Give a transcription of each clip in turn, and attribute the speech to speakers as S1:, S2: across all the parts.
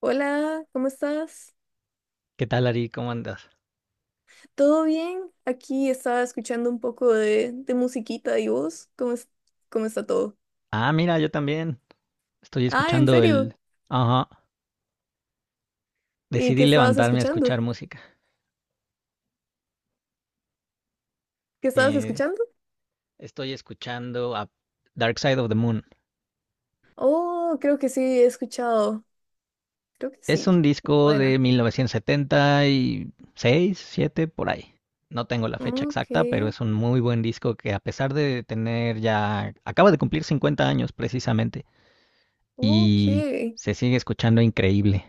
S1: Hola, ¿cómo estás?
S2: ¿Qué tal, Ari? ¿Cómo andas?
S1: ¿Todo bien? Aquí estaba escuchando un poco de musiquita y vos, ¿cómo está todo?
S2: Ah, mira, yo también estoy
S1: Ah, ¿en
S2: escuchando
S1: serio?
S2: el. Ajá,
S1: ¿Y
S2: decidí
S1: qué estabas
S2: levantarme a
S1: escuchando?
S2: escuchar música.
S1: ¿Qué estabas
S2: Eh,
S1: escuchando?
S2: estoy escuchando a Dark Side of the Moon.
S1: Oh, creo que sí, he escuchado. Creo que
S2: Es un
S1: sí. Me
S2: disco de
S1: suena.
S2: 1976, 77 por ahí. No tengo la fecha
S1: Ok,
S2: exacta, pero es un muy buen disco que a pesar de tener ya. Acaba de cumplir 50 años precisamente y
S1: ok.
S2: se sigue escuchando increíble.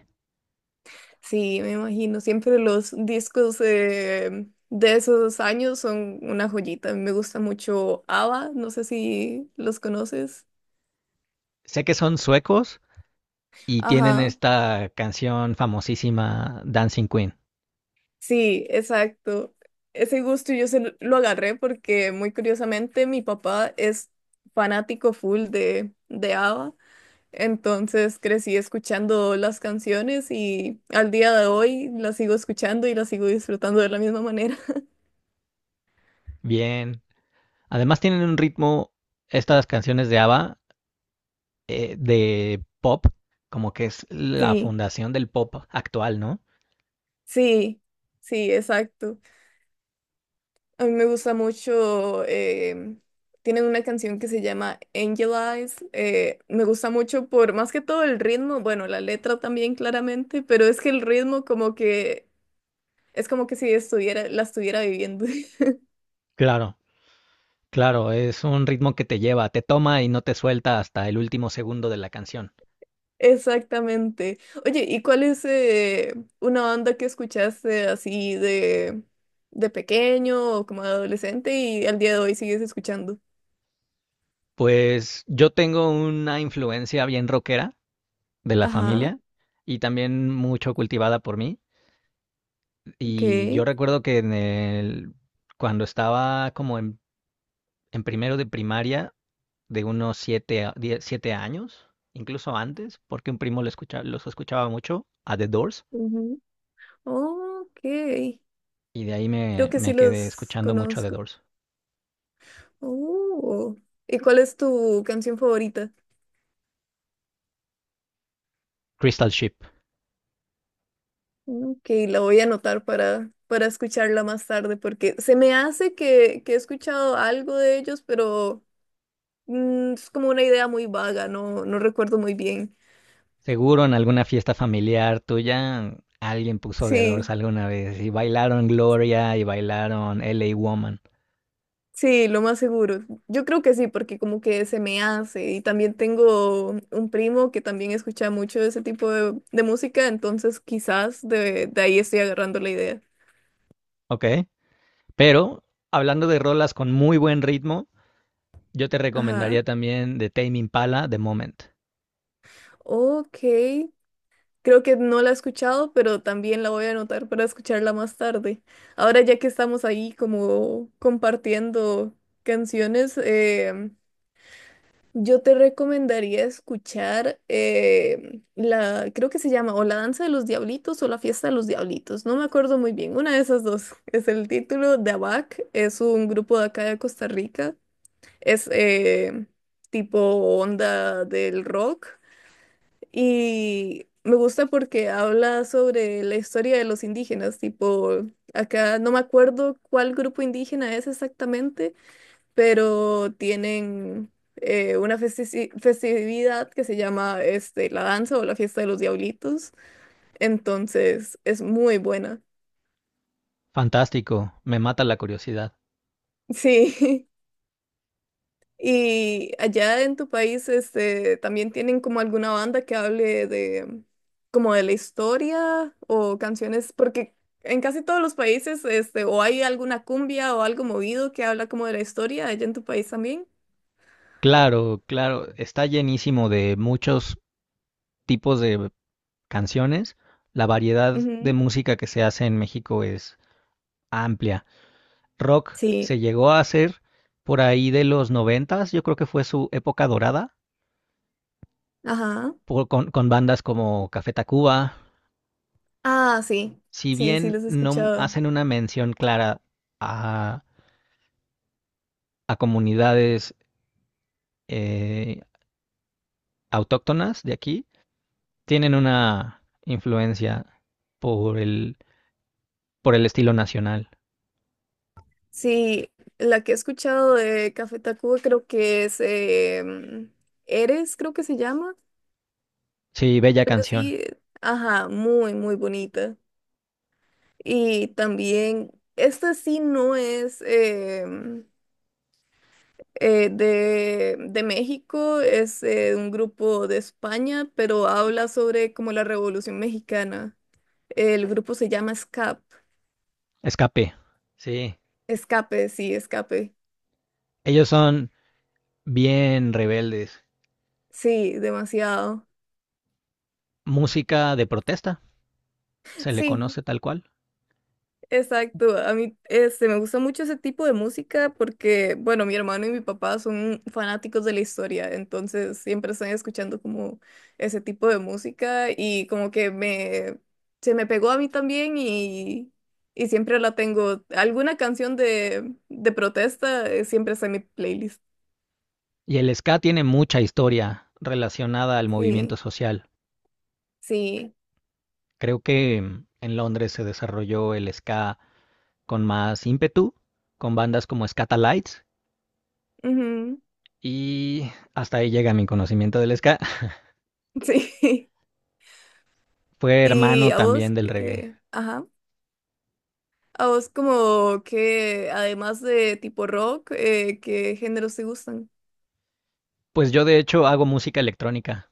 S1: Sí, me imagino. Siempre los discos de esos años son una joyita. Me gusta mucho ABBA, no sé si los conoces.
S2: Sé que son suecos, y tienen
S1: Ajá.
S2: esta canción famosísima Dancing Queen.
S1: Sí, exacto. Ese gusto yo se lo agarré porque muy curiosamente mi papá es fanático full de ABBA, entonces crecí escuchando las canciones y al día de hoy las sigo escuchando y las sigo disfrutando de la misma manera.
S2: Bien. Además tienen un ritmo, estas canciones de ABBA, de pop, como que es la
S1: Sí,
S2: fundación del pop actual, ¿no?
S1: sí, sí, exacto. A mí me gusta mucho, tienen una canción que se llama Angel Eyes, me gusta mucho por más que todo el ritmo, bueno, la letra también claramente, pero es que el ritmo como que es como que si la estuviera viviendo.
S2: Claro, claro, es un ritmo que te lleva, te toma y no te suelta hasta el último segundo de la canción.
S1: Exactamente. Oye, ¿y cuál es una banda que escuchaste así de pequeño o como adolescente y al día de hoy sigues escuchando?
S2: Pues yo tengo una influencia bien rockera de la
S1: Ajá,
S2: familia y también mucho cultivada por mí.
S1: ok.
S2: Y yo recuerdo que cuando estaba como en primero de primaria de unos siete años, incluso antes, porque un primo los escuchaba mucho a The Doors
S1: Ujú. Ok.
S2: y de ahí
S1: Creo
S2: me,
S1: que
S2: me
S1: sí
S2: quedé
S1: los
S2: escuchando mucho a The
S1: conozco.
S2: Doors.
S1: Oh. ¿Y cuál es tu canción favorita?
S2: Crystal Ship.
S1: Que la voy a anotar para escucharla más tarde, porque se me hace que he escuchado algo de ellos, pero es como una idea muy vaga, no, no recuerdo muy bien.
S2: Seguro en alguna fiesta familiar tuya alguien puso The Doors
S1: Sí,
S2: alguna vez y bailaron Gloria y bailaron LA Woman.
S1: sí, lo más seguro. Yo creo que sí, porque como que se me hace. Y también tengo un primo que también escucha mucho ese tipo de música, entonces quizás de ahí estoy agarrando la idea.
S2: Ok, pero hablando de rolas con muy buen ritmo, yo te
S1: Ajá.
S2: recomendaría también de Tame Impala, The Moment.
S1: Ok, creo que no la he escuchado, pero también la voy a anotar para escucharla más tarde. Ahora ya que estamos ahí como compartiendo canciones, yo te recomendaría escuchar creo que se llama o La Danza de los Diablitos o La Fiesta de los Diablitos, no me acuerdo muy bien, una de esas dos es el título de ABAC, es un grupo de acá de Costa Rica, es tipo onda del rock. Y me gusta porque habla sobre la historia de los indígenas, tipo, acá no me acuerdo cuál grupo indígena es exactamente, pero tienen una festividad que se llama la danza o la fiesta de los diablitos, entonces es muy buena.
S2: Fantástico, me mata la curiosidad.
S1: Sí. Y allá en tu país, también tienen como alguna banda que hable de como de la historia o canciones, porque en casi todos los países, o hay alguna cumbia o algo movido que habla como de la historia, allá en tu país también.
S2: Claro, claro, está llenísimo de muchos tipos de canciones. La variedad de
S1: Ujú.
S2: música que se hace en México es amplia. Rock se
S1: Sí,
S2: llegó a hacer por ahí de los noventas, yo creo que fue su época dorada,
S1: ajá.
S2: con bandas como Café Tacuba.
S1: Ah, sí,
S2: Si
S1: sí, sí,
S2: bien
S1: los he
S2: no
S1: escuchado.
S2: hacen una mención clara a, a comunidades eh, autóctonas de aquí, tienen una influencia por el, por el estilo nacional.
S1: Sí, la que he escuchado de Café Tacuba creo que es em, Eres, creo que se llama.
S2: Sí, bella
S1: Pero
S2: canción.
S1: sí, ajá, muy, muy bonita. Y también, este sí no es de México, es un grupo de España, pero habla sobre como la Revolución Mexicana. El grupo se llama SCAP.
S2: Escape. Sí.
S1: Escape.
S2: Ellos son bien rebeldes.
S1: Sí, demasiado.
S2: Música de protesta, se le
S1: Sí,
S2: conoce tal cual.
S1: exacto, a mí me gusta mucho ese tipo de música porque, bueno, mi hermano y mi papá son fanáticos de la historia, entonces siempre están escuchando como ese tipo de música y como que se me pegó a mí también y siempre la tengo. Alguna canción de protesta siempre está en mi playlist.
S2: Y el ska tiene mucha historia relacionada al movimiento
S1: Sí,
S2: social.
S1: sí,
S2: Creo que en Londres se desarrolló el ska con más ímpetu, con bandas como Scatalites,
S1: ujú,
S2: y hasta ahí llega mi conocimiento del ska.
S1: sí.
S2: Fue
S1: ¿Y
S2: hermano
S1: a vos?
S2: también del reggae.
S1: ¿Qué? Ajá. A vos como que, además de tipo rock, ¿qué géneros te gustan?
S2: Pues yo de hecho hago música electrónica.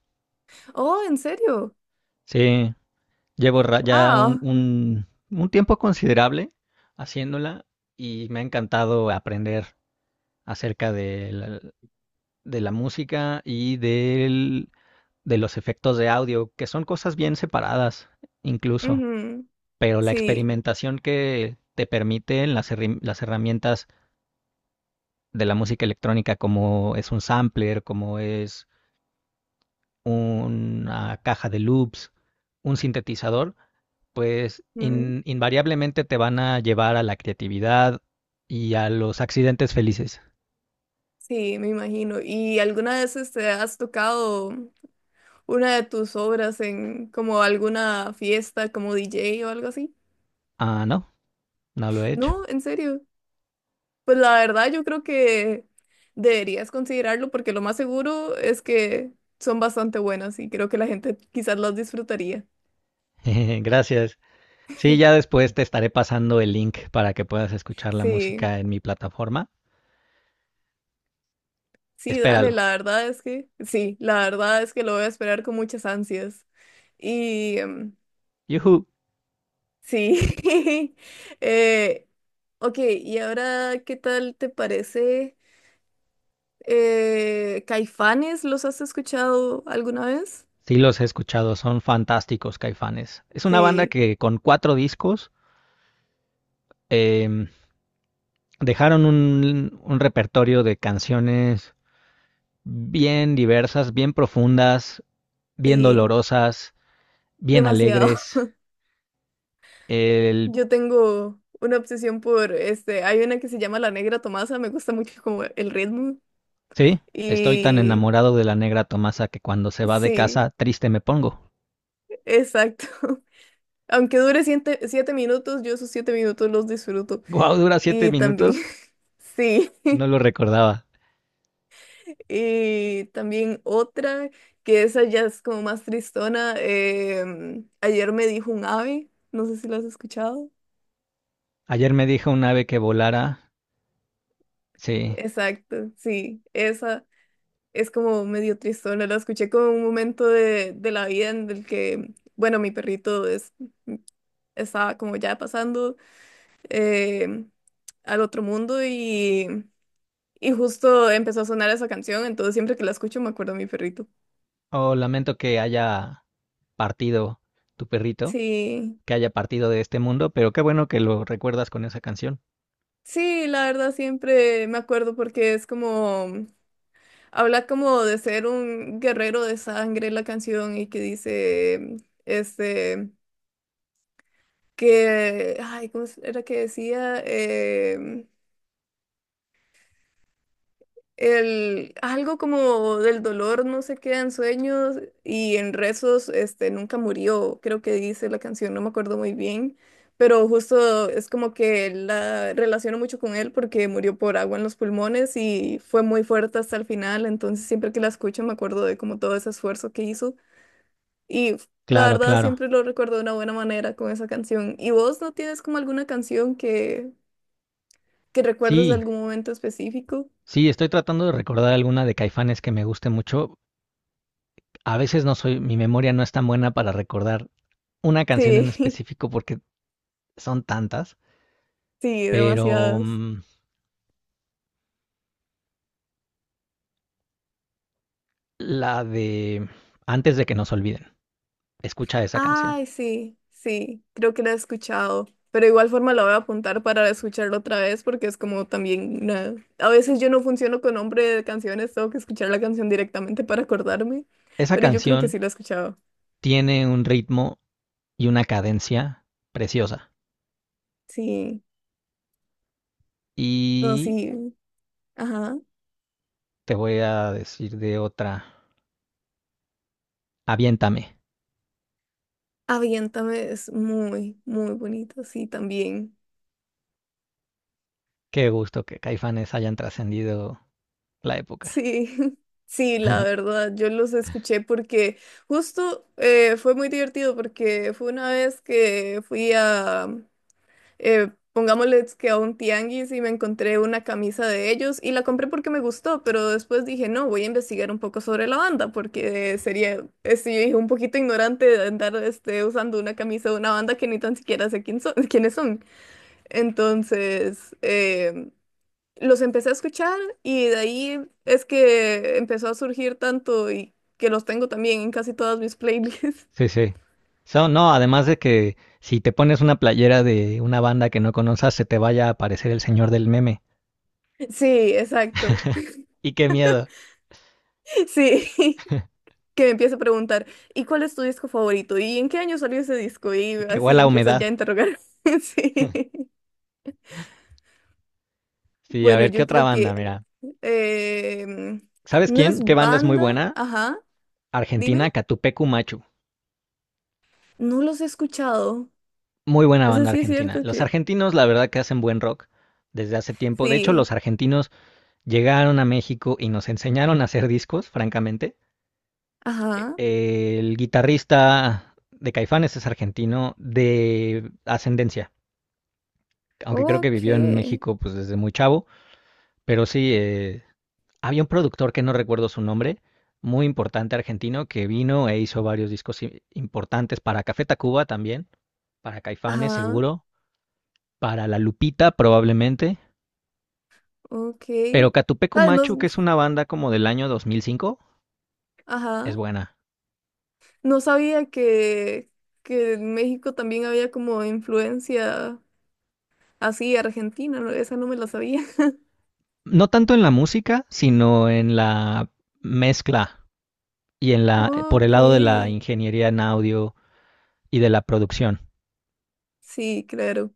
S1: Oh, ¿en serio?
S2: Sí, llevo ya un,
S1: Wow.
S2: un, un tiempo considerable haciéndola y me ha encantado aprender acerca de la música y de los efectos de audio, que son cosas bien separadas incluso.
S1: Ujú,
S2: Pero la
S1: sí,
S2: experimentación que te permiten las herramientas de la música electrónica, como es un sampler, como es una caja de loops, un sintetizador, pues
S1: ujú,
S2: invariablemente te van a llevar a la creatividad y a los accidentes felices.
S1: sí, me imagino. ¿Y alguna vez has tocado una de tus obras en como alguna fiesta como DJ o algo así?
S2: Ah, no, no lo he hecho.
S1: No, en serio. Pues la verdad yo creo que deberías considerarlo porque lo más seguro es que son bastante buenas y creo que la gente quizás las disfrutaría.
S2: Gracias. Sí, ya después te estaré pasando el link para que puedas escuchar la
S1: Sí.
S2: música en mi plataforma.
S1: Sí, dale,
S2: Espéralo.
S1: la verdad es que, sí, la verdad es que lo voy a esperar con muchas ansias. Y
S2: Yuhu.
S1: sí, eh, ok, y ahora, ¿qué tal te parece? ¿Caifanes los has escuchado alguna vez?
S2: Sí, los he escuchado, son fantásticos Caifanes. Es una banda
S1: Sí,
S2: que con cuatro discos eh, dejaron un repertorio de canciones bien diversas, bien profundas, bien
S1: sí,
S2: dolorosas, bien
S1: demasiado.
S2: alegres. El.
S1: Yo tengo una obsesión hay una que se llama La Negra Tomasa, me gusta mucho como el ritmo.
S2: Sí, estoy tan
S1: Y
S2: enamorado de la negra Tomasa que cuando se va de
S1: sí,
S2: casa triste me pongo.
S1: exacto. Aunque dure siete, siete minutos, yo esos siete minutos los disfruto.
S2: Guau, wow, dura siete
S1: Y también,
S2: minutos.
S1: sí.
S2: No lo recordaba.
S1: Y también otra, que esa ya es como más tristona. Ayer me dijo un ave, no sé si lo has escuchado.
S2: Ayer me dijo un ave que volara. Sí.
S1: Exacto, sí. Esa es como medio tristona. La escuché como un momento de la vida en el que, bueno, mi perrito estaba como ya pasando em, al otro mundo y justo empezó a sonar esa canción, entonces siempre que la escucho me acuerdo de mi perrito.
S2: Oh, lamento que haya partido tu perrito.
S1: Sí,
S2: Que haya partido de este mundo, pero qué bueno que lo recuerdas con esa canción.
S1: sí, la verdad siempre me acuerdo porque es como, habla como de ser un guerrero de sangre la canción y que dice, este, que, ay, ¿cómo era que decía? Algo como del dolor no se queda en sueños y en rezos, nunca murió, creo que dice la canción, no me acuerdo muy bien, pero justo es como que la relaciono mucho con él porque murió por agua en los pulmones y fue muy fuerte hasta el final, entonces siempre que la escucho me acuerdo de como todo ese esfuerzo que hizo y la
S2: Claro,
S1: verdad
S2: claro.
S1: siempre lo recuerdo de una buena manera con esa canción. ¿Y vos no tienes como alguna canción que recuerdes de
S2: Sí,
S1: algún momento específico?
S2: sí, estoy tratando de recordar alguna de Caifanes que me guste mucho. A veces no soy, mi memoria no es tan buena para recordar una canción en
S1: Sí,
S2: específico porque son tantas,
S1: sí,
S2: pero
S1: demasiadas.
S2: la de Antes de que nos olviden. Escucha esa canción.
S1: Ay, sí, sí, creo que la he escuchado. Pero igual forma la voy a apuntar para escucharlo otra vez porque es como también una. A veces yo no funciono con nombre de canciones, tengo que escuchar la canción directamente para acordarme.
S2: Esa
S1: Pero yo creo que
S2: canción
S1: sí la he escuchado.
S2: tiene un ritmo y una cadencia preciosa.
S1: Sí, no,
S2: Y
S1: sí. Ajá.
S2: te voy a decir de otra, Aviéntame.
S1: Aviéntame es muy, muy bonito, sí, también.
S2: Qué gusto que Caifanes hayan trascendido la época.
S1: Sí, sí, la verdad, yo los escuché porque justo fue muy divertido porque fue una vez que fui a, pongámosle que a un tianguis y me encontré una camisa de ellos y la compré porque me gustó, pero después dije, no, voy a investigar un poco sobre la banda porque sería, sí un poquito ignorante de andar usando una camisa de una banda que ni tan siquiera sé quién son, quiénes son. Entonces, los empecé a escuchar y de ahí es que empezó a surgir tanto y que los tengo también en casi todas mis playlists.
S2: Sí, sí. So, no, además de que si te pones una playera de una banda que no conozcas, se te vaya a aparecer el señor del meme.
S1: Sí, exacto.
S2: Y qué miedo.
S1: Sí. Que me empieza a preguntar, ¿y cuál es tu disco favorito? ¿Y en qué año salió ese disco? Y
S2: Y qué
S1: así
S2: huele a
S1: empiezas
S2: humedad.
S1: ya a interrogar. Sí.
S2: Sí, a
S1: Bueno,
S2: ver, ¿qué
S1: yo
S2: otra
S1: creo
S2: banda?
S1: que
S2: Mira.
S1: em,
S2: ¿Sabes
S1: no es
S2: quién? ¿Qué banda es muy
S1: banda,
S2: buena?
S1: ajá, dime,
S2: Argentina, Catupecu Machu.
S1: no los he escuchado.
S2: Muy buena
S1: Eso
S2: banda
S1: sí es
S2: argentina.
S1: cierto
S2: Los
S1: que
S2: argentinos, la verdad, que hacen buen rock desde hace tiempo. De hecho,
S1: sí,
S2: los argentinos llegaron a México y nos enseñaron a hacer discos, francamente.
S1: ajá,
S2: El guitarrista de Caifanes es argentino de ascendencia, aunque creo que vivió en
S1: ok,
S2: México pues desde muy chavo, pero sí, había un productor que no recuerdo su nombre, muy importante argentino, que vino e hizo varios discos importantes para Café Tacuba también, para Caifanes
S1: ajá,
S2: seguro, para La Lupita probablemente,
S1: ok.
S2: pero Catupecu
S1: Ah, no,
S2: Machu, que es una banda como del año 2005, es
S1: ajá,
S2: buena.
S1: no sabía que en México también había como influencia así argentina, no, esa no me la sabía.
S2: No tanto en la música, sino en la mezcla y en la, por el
S1: Ok,
S2: lado de la ingeniería en audio y de la producción.
S1: sí, claro.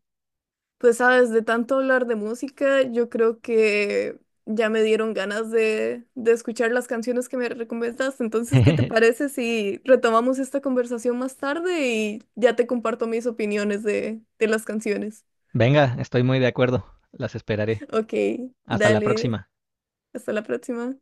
S1: Pues sabes, de tanto hablar de música, yo creo que ya me dieron ganas de escuchar las canciones que me recomendaste. Entonces, ¿qué te parece si retomamos esta conversación más tarde y ya te comparto mis opiniones de las canciones?
S2: Venga, estoy muy de acuerdo. Las esperaré.
S1: Ok,
S2: Hasta la
S1: dale,
S2: próxima.
S1: hasta la próxima.